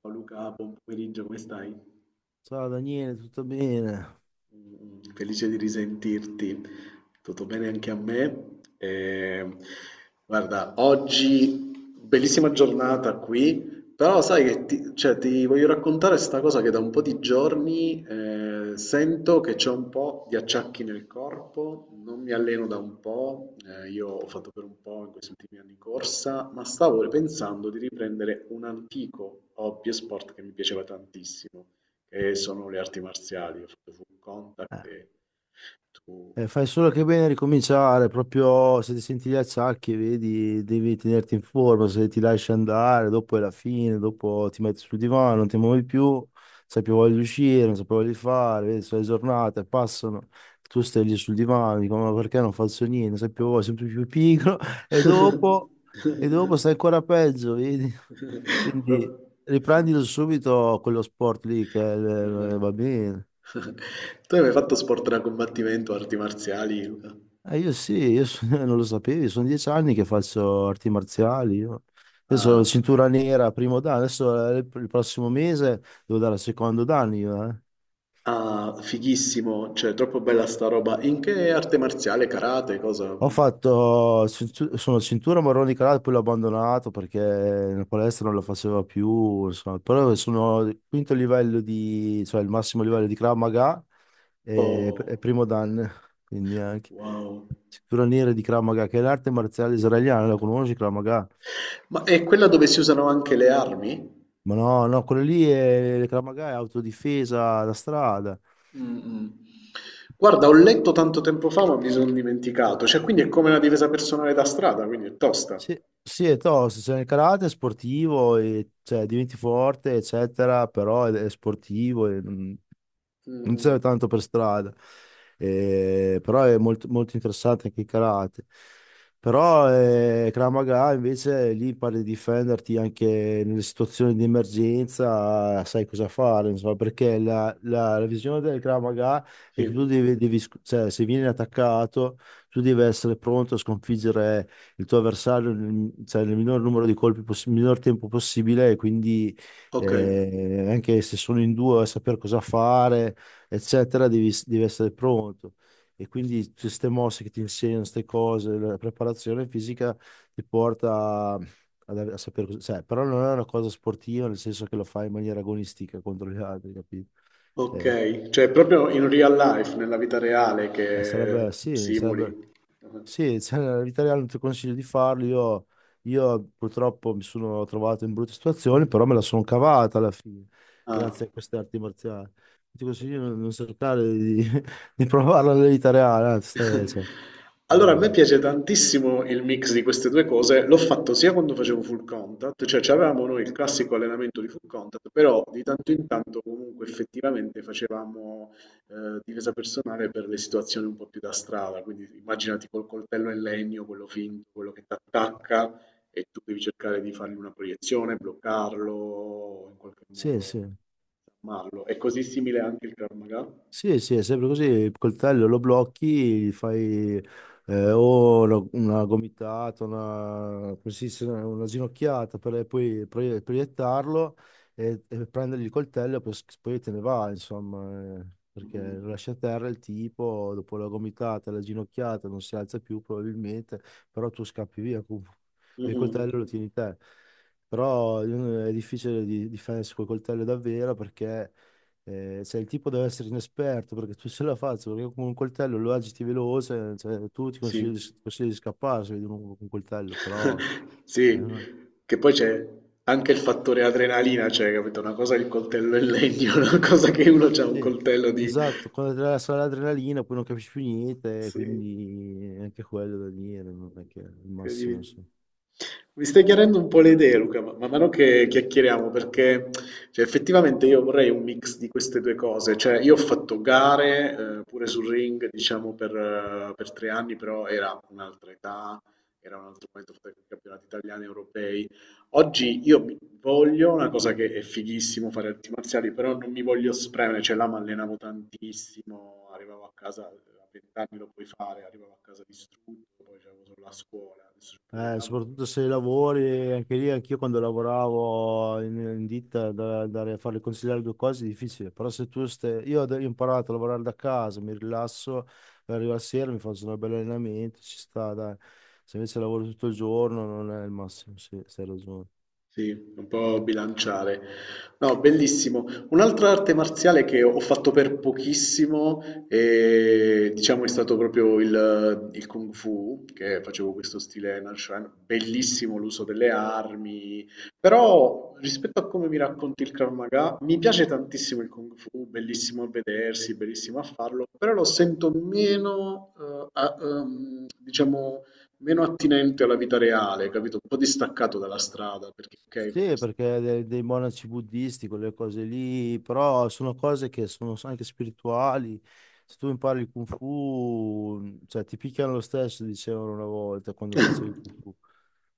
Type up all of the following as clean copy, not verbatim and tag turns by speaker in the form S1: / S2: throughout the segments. S1: Ciao Luca, buon pomeriggio, come stai?
S2: Ciao Daniele, tutto bene?
S1: Mm, felice di risentirti. Tutto bene anche a me. Guarda, oggi bellissima giornata qui, però sai che ti voglio raccontare sta cosa che da un po' di giorni sento che c'è un po' di acciacchi nel corpo, non mi alleno da un po', io ho fatto per un po' in questi ultimi anni corsa, ma stavo pensando di riprendere un antico hobby e sport che mi piaceva tantissimo che sono le arti marziali. Ho fatto full contact
S2: Eh,
S1: e tu...
S2: fai solo che bene a ricominciare, proprio se ti senti gli acciacchi, vedi, devi tenerti in forma, se ti lasci andare, dopo è la fine, dopo ti metti sul divano, non ti muovi più, non sai più voglia di uscire, non sai più voglia di fare, vedi, sono le giornate, passano, tu stai lì sul divano, dico, ma perché non faccio niente, non sai più voglia, sempre più pigro, e dopo, e dopo stai ancora peggio, vedi? Quindi
S1: Sì.
S2: riprendilo subito quello sport lì che
S1: Ah, eh.
S2: va bene.
S1: Tu hai mai fatto sport da combattimento, arti marziali, Luca?
S2: Io sì, non lo sapevi, sono 10 anni che faccio arti marziali. Io. Adesso ho la
S1: Ah,
S2: cintura nera, primo dan, adesso il prossimo mese devo dare il secondo dan io, eh.
S1: ah, fighissimo, cioè troppo bella sta roba. In che arte marziale, karate, cosa?
S2: Ho fatto, sono cintura marrone karate, poi l'ho abbandonato perché la palestra non lo faceva più, insomma. Però sono il quinto livello di, cioè il massimo livello di Krav Maga e
S1: Oh,
S2: primo dan, quindi anche
S1: wow.
S2: cintura nera di Krav Maga, che è l'arte marziale israeliana, la conosci Krav Maga?
S1: Ma è quella dove si usano anche le armi?
S2: Ma no, no, quello lì è Krav Maga, è autodifesa da strada.
S1: Mm-mm. Guarda, ho letto tanto tempo fa, ma mi sono dimenticato. Cioè, quindi è come una difesa personale da strada, quindi è tosta.
S2: Sì, sì, è tosto, cioè il karate è sportivo, e, cioè diventi forte, eccetera, però è sportivo. Non ti
S1: Mm-mm.
S2: serve tanto per strada. Però è molto, molto interessante anche il karate. Però Krav Maga invece lì impari a difenderti anche nelle situazioni di emergenza, sai cosa fare, insomma, perché la visione del Krav Maga è
S1: Sì,
S2: che tu devi, cioè, se vieni attaccato, tu devi essere pronto a sconfiggere il tuo avversario nel, cioè, nel minor numero di colpi, nel minor tempo possibile, e quindi
S1: ok,
S2: anche se sono in due, a sapere cosa fare, eccetera, devi, devi essere pronto. E quindi tutte queste mosse che ti insegnano, queste cose, la preparazione fisica ti porta a, a sapere cosa, cioè, però non è una cosa sportiva, nel senso che lo fai in maniera agonistica contro gli altri, capito? Eh,
S1: ok. Cioè, è proprio in real life, nella vita reale che
S2: sarebbe.
S1: simuli.
S2: Sì, cioè, nella vita reale non ti consiglio di farlo. Io purtroppo mi sono trovato in brutte situazioni, però me la sono cavata alla fine,
S1: Ah.
S2: grazie a queste arti marziali. Ti consiglio di non cercare di, di provarla nella vita reale, anzi, cioè,
S1: Allora, a
S2: però
S1: me piace tantissimo il mix di queste due cose. L'ho fatto sia quando facevo full contact, cioè avevamo noi il classico allenamento di full contact, però di tanto in tanto comunque effettivamente facevamo difesa personale per le situazioni un po' più da strada. Quindi immaginati col coltello in legno, quello finto, quello che ti attacca e tu devi cercare di fargli una proiezione, bloccarlo, o in qualche
S2: sì,
S1: modo
S2: sì.
S1: disarmarlo. È così simile anche il Krav Maga?
S2: Sì, sì, è sempre così, il coltello lo blocchi, gli fai o una gomitata, una, come si dice, una ginocchiata per proiettarlo e prendergli il coltello e poi, te ne va, insomma, perché
S1: Mm,
S2: lo lascia a terra il tipo, dopo la gomitata, la ginocchiata, non si alza più probabilmente, però tu scappi via,
S1: mm,
S2: e il
S1: mm,
S2: coltello lo tieni te. Però è difficile di difendersi col coltello davvero perché... cioè, il tipo deve essere inesperto perché tu se la faccio, perché con un coltello lo agiti veloce, cioè, tu
S1: sì.
S2: ti consigli di scappare se vedi uno con un coltello, però...
S1: Sì,
S2: no.
S1: che poi c'è anche il fattore adrenalina, cioè, capito? Una cosa è il coltello in legno, una cosa che uno ha un
S2: Sì,
S1: coltello di...
S2: esatto, quando ti dà solo l'adrenalina poi non capisci più niente,
S1: Sì,
S2: quindi anche quello da dire, non è che è il massimo.
S1: incredibile. Mi stai chiarendo un po' le idee, Luca, ma man mano che chiacchieriamo, perché cioè, effettivamente io vorrei un mix di queste due cose. Cioè, io ho fatto gare, pure sul ring, diciamo, per 3 anni, però era un'altra età, era un altro momento, ho fatto anche campionati italiani, europei. Oggi io mi voglio, una cosa che è fighissimo fare arti marziali, però non mi voglio spremere, cioè là mi allenavo tantissimo, arrivavo a casa, a 20 anni lo puoi fare, arrivavo a casa distrutto, poi c'avevo solo la scuola, adesso c'è pure il lavoro.
S2: Soprattutto se lavori, anche lì, anch'io quando lavoravo in ditta, andare a fare il consigliere 2 cose è difficile, però se tu stai, io ho imparato a lavorare da casa, mi rilasso, arrivo la sera, mi faccio un bel allenamento, ci sta, dai. Se invece lavoro tutto il giorno non è il massimo, sì, hai ragione.
S1: Sì, un po' bilanciare. No, bellissimo. Un'altra arte marziale che ho fatto per pochissimo, diciamo, è stato proprio il Kung Fu, che facevo questo stile Nanshan. Bellissimo l'uso delle armi, però rispetto a come mi racconti il Krav Maga, mi piace tantissimo il Kung Fu, bellissimo a vedersi, bellissimo a farlo, però lo sento meno, diciamo meno attinente alla vita reale, capito? Un po' distaccato dalla strada, perché ok, fai
S2: Sì,
S1: questo.
S2: perché dei monaci buddisti, quelle cose lì, però sono cose che sono anche spirituali. Se tu impari il Kung Fu, cioè ti picchiano lo stesso, dicevano una volta quando facevi il Kung Fu.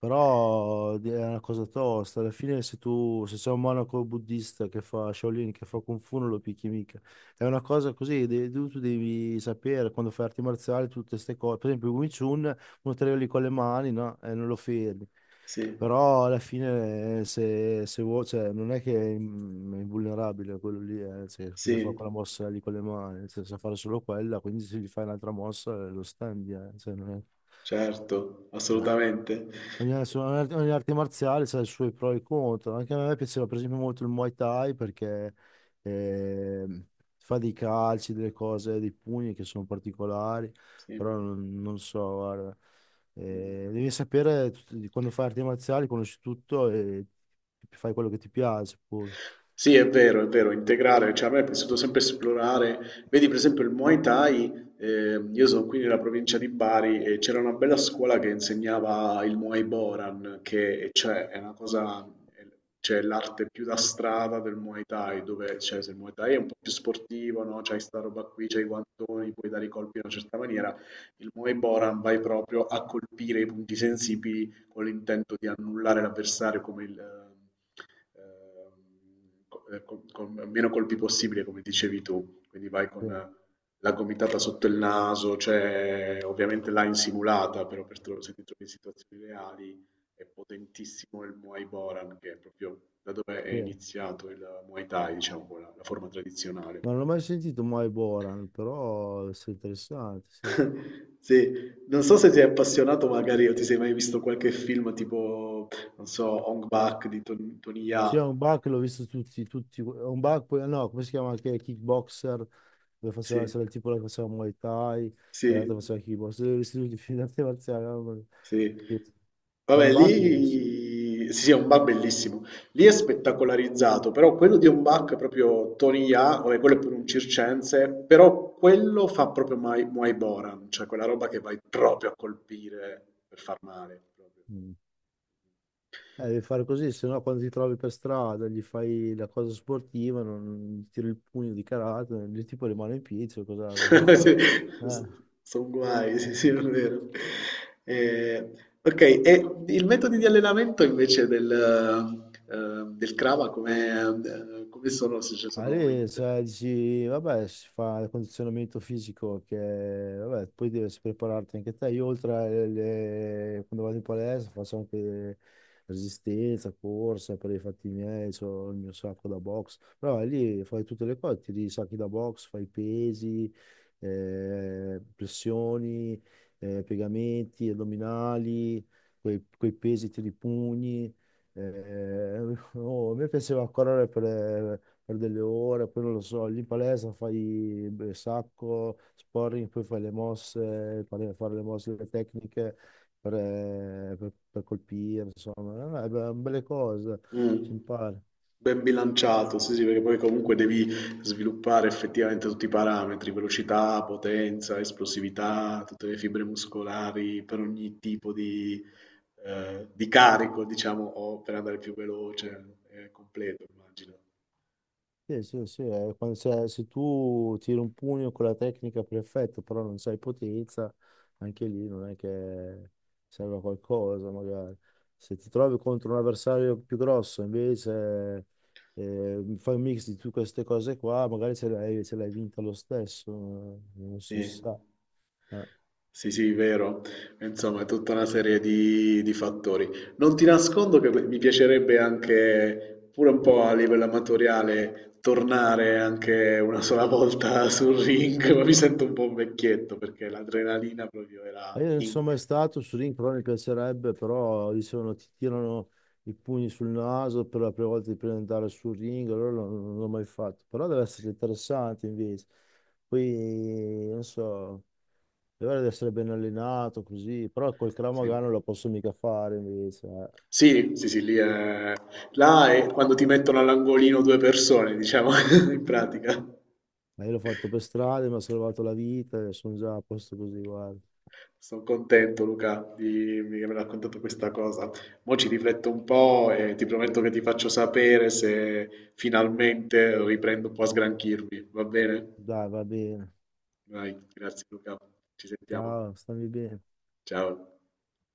S2: Però è una cosa tosta. Alla fine se tu, se c'è un monaco buddista che fa Shaolin, che fa Kung Fu, non lo picchi mica. È una cosa così, tu devi sapere quando fai arti marziali tutte queste cose. Per esempio, il Wing Chun uno te lo lì con le mani, no? E non lo fermi.
S1: Sì,
S2: Però alla fine se, se vuoi, cioè, non è che è è invulnerabile quello lì, cioè, perché fa
S1: sì,
S2: quella mossa lì con le mani, cioè, sa fare solo quella, quindi se gli fai un'altra mossa lo standi, cioè, non è...
S1: certo,
S2: Eh.
S1: assolutamente.
S2: Ogni, adesso ogni arte marziale ha i suoi pro e i contro. Anche a me piaceva per esempio molto il Muay Thai perché ehm, fa dei calci, delle cose, dei pugni che sono particolari,
S1: Sì.
S2: però non, non so, guarda. Devi sapere di quando fai arti marziali, conosci tutto e fai quello che ti piace poi.
S1: Sì, è vero, integrare, cioè a me è piaciuto sempre esplorare, vedi per esempio il Muay Thai, io sono qui nella provincia di Bari e c'era una bella scuola che insegnava il Muay Boran, che e cioè, è una cosa, è- cioè l'arte più da strada del Muay Thai, dove cioè, se il Muay Thai è un po' più sportivo, no? C'hai sta roba qui, c'hai i guantoni, puoi dare i colpi in una certa maniera, il Muay Boran vai proprio a colpire i punti sensibili con l'intento di annullare l'avversario come con meno colpi possibile, come dicevi tu. Quindi vai
S2: Sì,
S1: con la gomitata sotto il naso, cioè ovviamente là in simulata, però se ti trovi in situazioni reali è potentissimo il Muay Boran, che è proprio da dove è
S2: sì.
S1: iniziato il Muay Thai, diciamo, la forma tradizionale.
S2: Ma non l'ho mai sentito Mai Boran, però è interessante, sì.
S1: Sì, non so se ti sei appassionato magari o ti sei mai visto qualche film tipo, non so, Hong Bak di Tony
S2: Sì, è
S1: Jaa.
S2: un bug, l'ho visto tutti, tutti. È un bug, poi, no, come si chiama anche Kickboxer? Dove
S1: Sì,
S2: faceva, c'era il tipo che faceva Muay Thai e l'altro
S1: sì,
S2: faceva kickbox, tutti vestiti di arte marziale. Mamma mia.
S1: sì.
S2: Sì. Ho un
S1: Vabbè,
S2: background. Sì.
S1: lì sì, sì, è un bar bellissimo. Lì è spettacolarizzato, però quello di un bar è proprio Tony Jaa, vabbè, quello è pure un circense, però quello fa proprio Muay Boran, cioè quella roba che vai proprio a colpire per far male. Proprio.
S2: Mm. Devi fare così, se no quando ti trovi per strada gli fai la cosa sportiva, non, non gli tiri il pugno di karate, il tipo rimane in piedi, cioè, cosa, cosa hai fatto?
S1: Sì, s
S2: Eh.
S1: son guai, sì, sì, è vero. Ehm, okay, e il metodi di allenamento invece del del Krava come come sono? Se ci
S2: Ma
S1: sono
S2: lì,
S1: int
S2: cioè, dici, vabbè, si fa il condizionamento fisico che, vabbè, poi devi prepararti anche te. Io oltre alle, quando vado in palestra faccio anche resistenza, corsa per i fatti miei, ho il mio sacco da box. Però lì fai tutte le cose, tiri i sacchi da box, fai pesi, pressioni, piegamenti, addominali, quei pesi, tiri i pugni. Eh, oh, a me piaceva correre per delle ore, poi non lo so, lì in palestra fai beh, sacco, sparring, poi fai le mosse, fare le mosse, le tecniche per, per colpire, insomma, beh, belle cose,
S1: mh,
S2: si impara.
S1: ben bilanciato, sì, sì, perché poi comunque devi sviluppare effettivamente tutti i parametri, velocità, potenza, esplosività, tutte le fibre muscolari per ogni tipo di carico diciamo, o per andare più veloce, è completo immagino.
S2: Sì, sì, sì, se, se tu tiri un pugno con la tecnica perfetta, però non sai potenza, anche lì non è che serve a qualcosa, magari. Se ti trovi contro un avversario più grosso, invece fai un mix di tutte queste cose qua, magari ce l'hai vinta lo stesso, non si
S1: Sì.
S2: sa. Eh.
S1: Sì, sì, vero. Insomma, è tutta una serie di fattori. Non ti nascondo che mi piacerebbe anche, pure un po' a livello amatoriale, tornare anche una sola volta sul ring, ma mi sento un po' un vecchietto perché l'adrenalina proprio era
S2: Ma io non sono
S1: inc.
S2: mai stato su Ring, però mi piacerebbe, però dicevano ti tirano i pugni sul naso per la prima volta di presentare sul ring, allora non, non l'ho mai fatto, però deve essere interessante invece. Poi, non so, deve essere ben allenato così, però col Krav
S1: Sì,
S2: Maga non lo posso mica fare invece. Eh.
S1: sì, sì, sì, sì, lì è... Là è quando ti mettono all'angolino due persone, diciamo, in pratica.
S2: Ma io l'ho fatto per strada, mi ha salvato la vita e sono già a posto così, guarda.
S1: Sono contento, Luca, di aver raccontato questa cosa. Mo' ci rifletto un po' e ti prometto che ti faccio sapere se finalmente riprendo un po' a sgranchirmi, va bene?
S2: Dai, va bene.
S1: Vai, grazie Luca, ci sentiamo.
S2: Ciao, stammi bene.
S1: Ciao.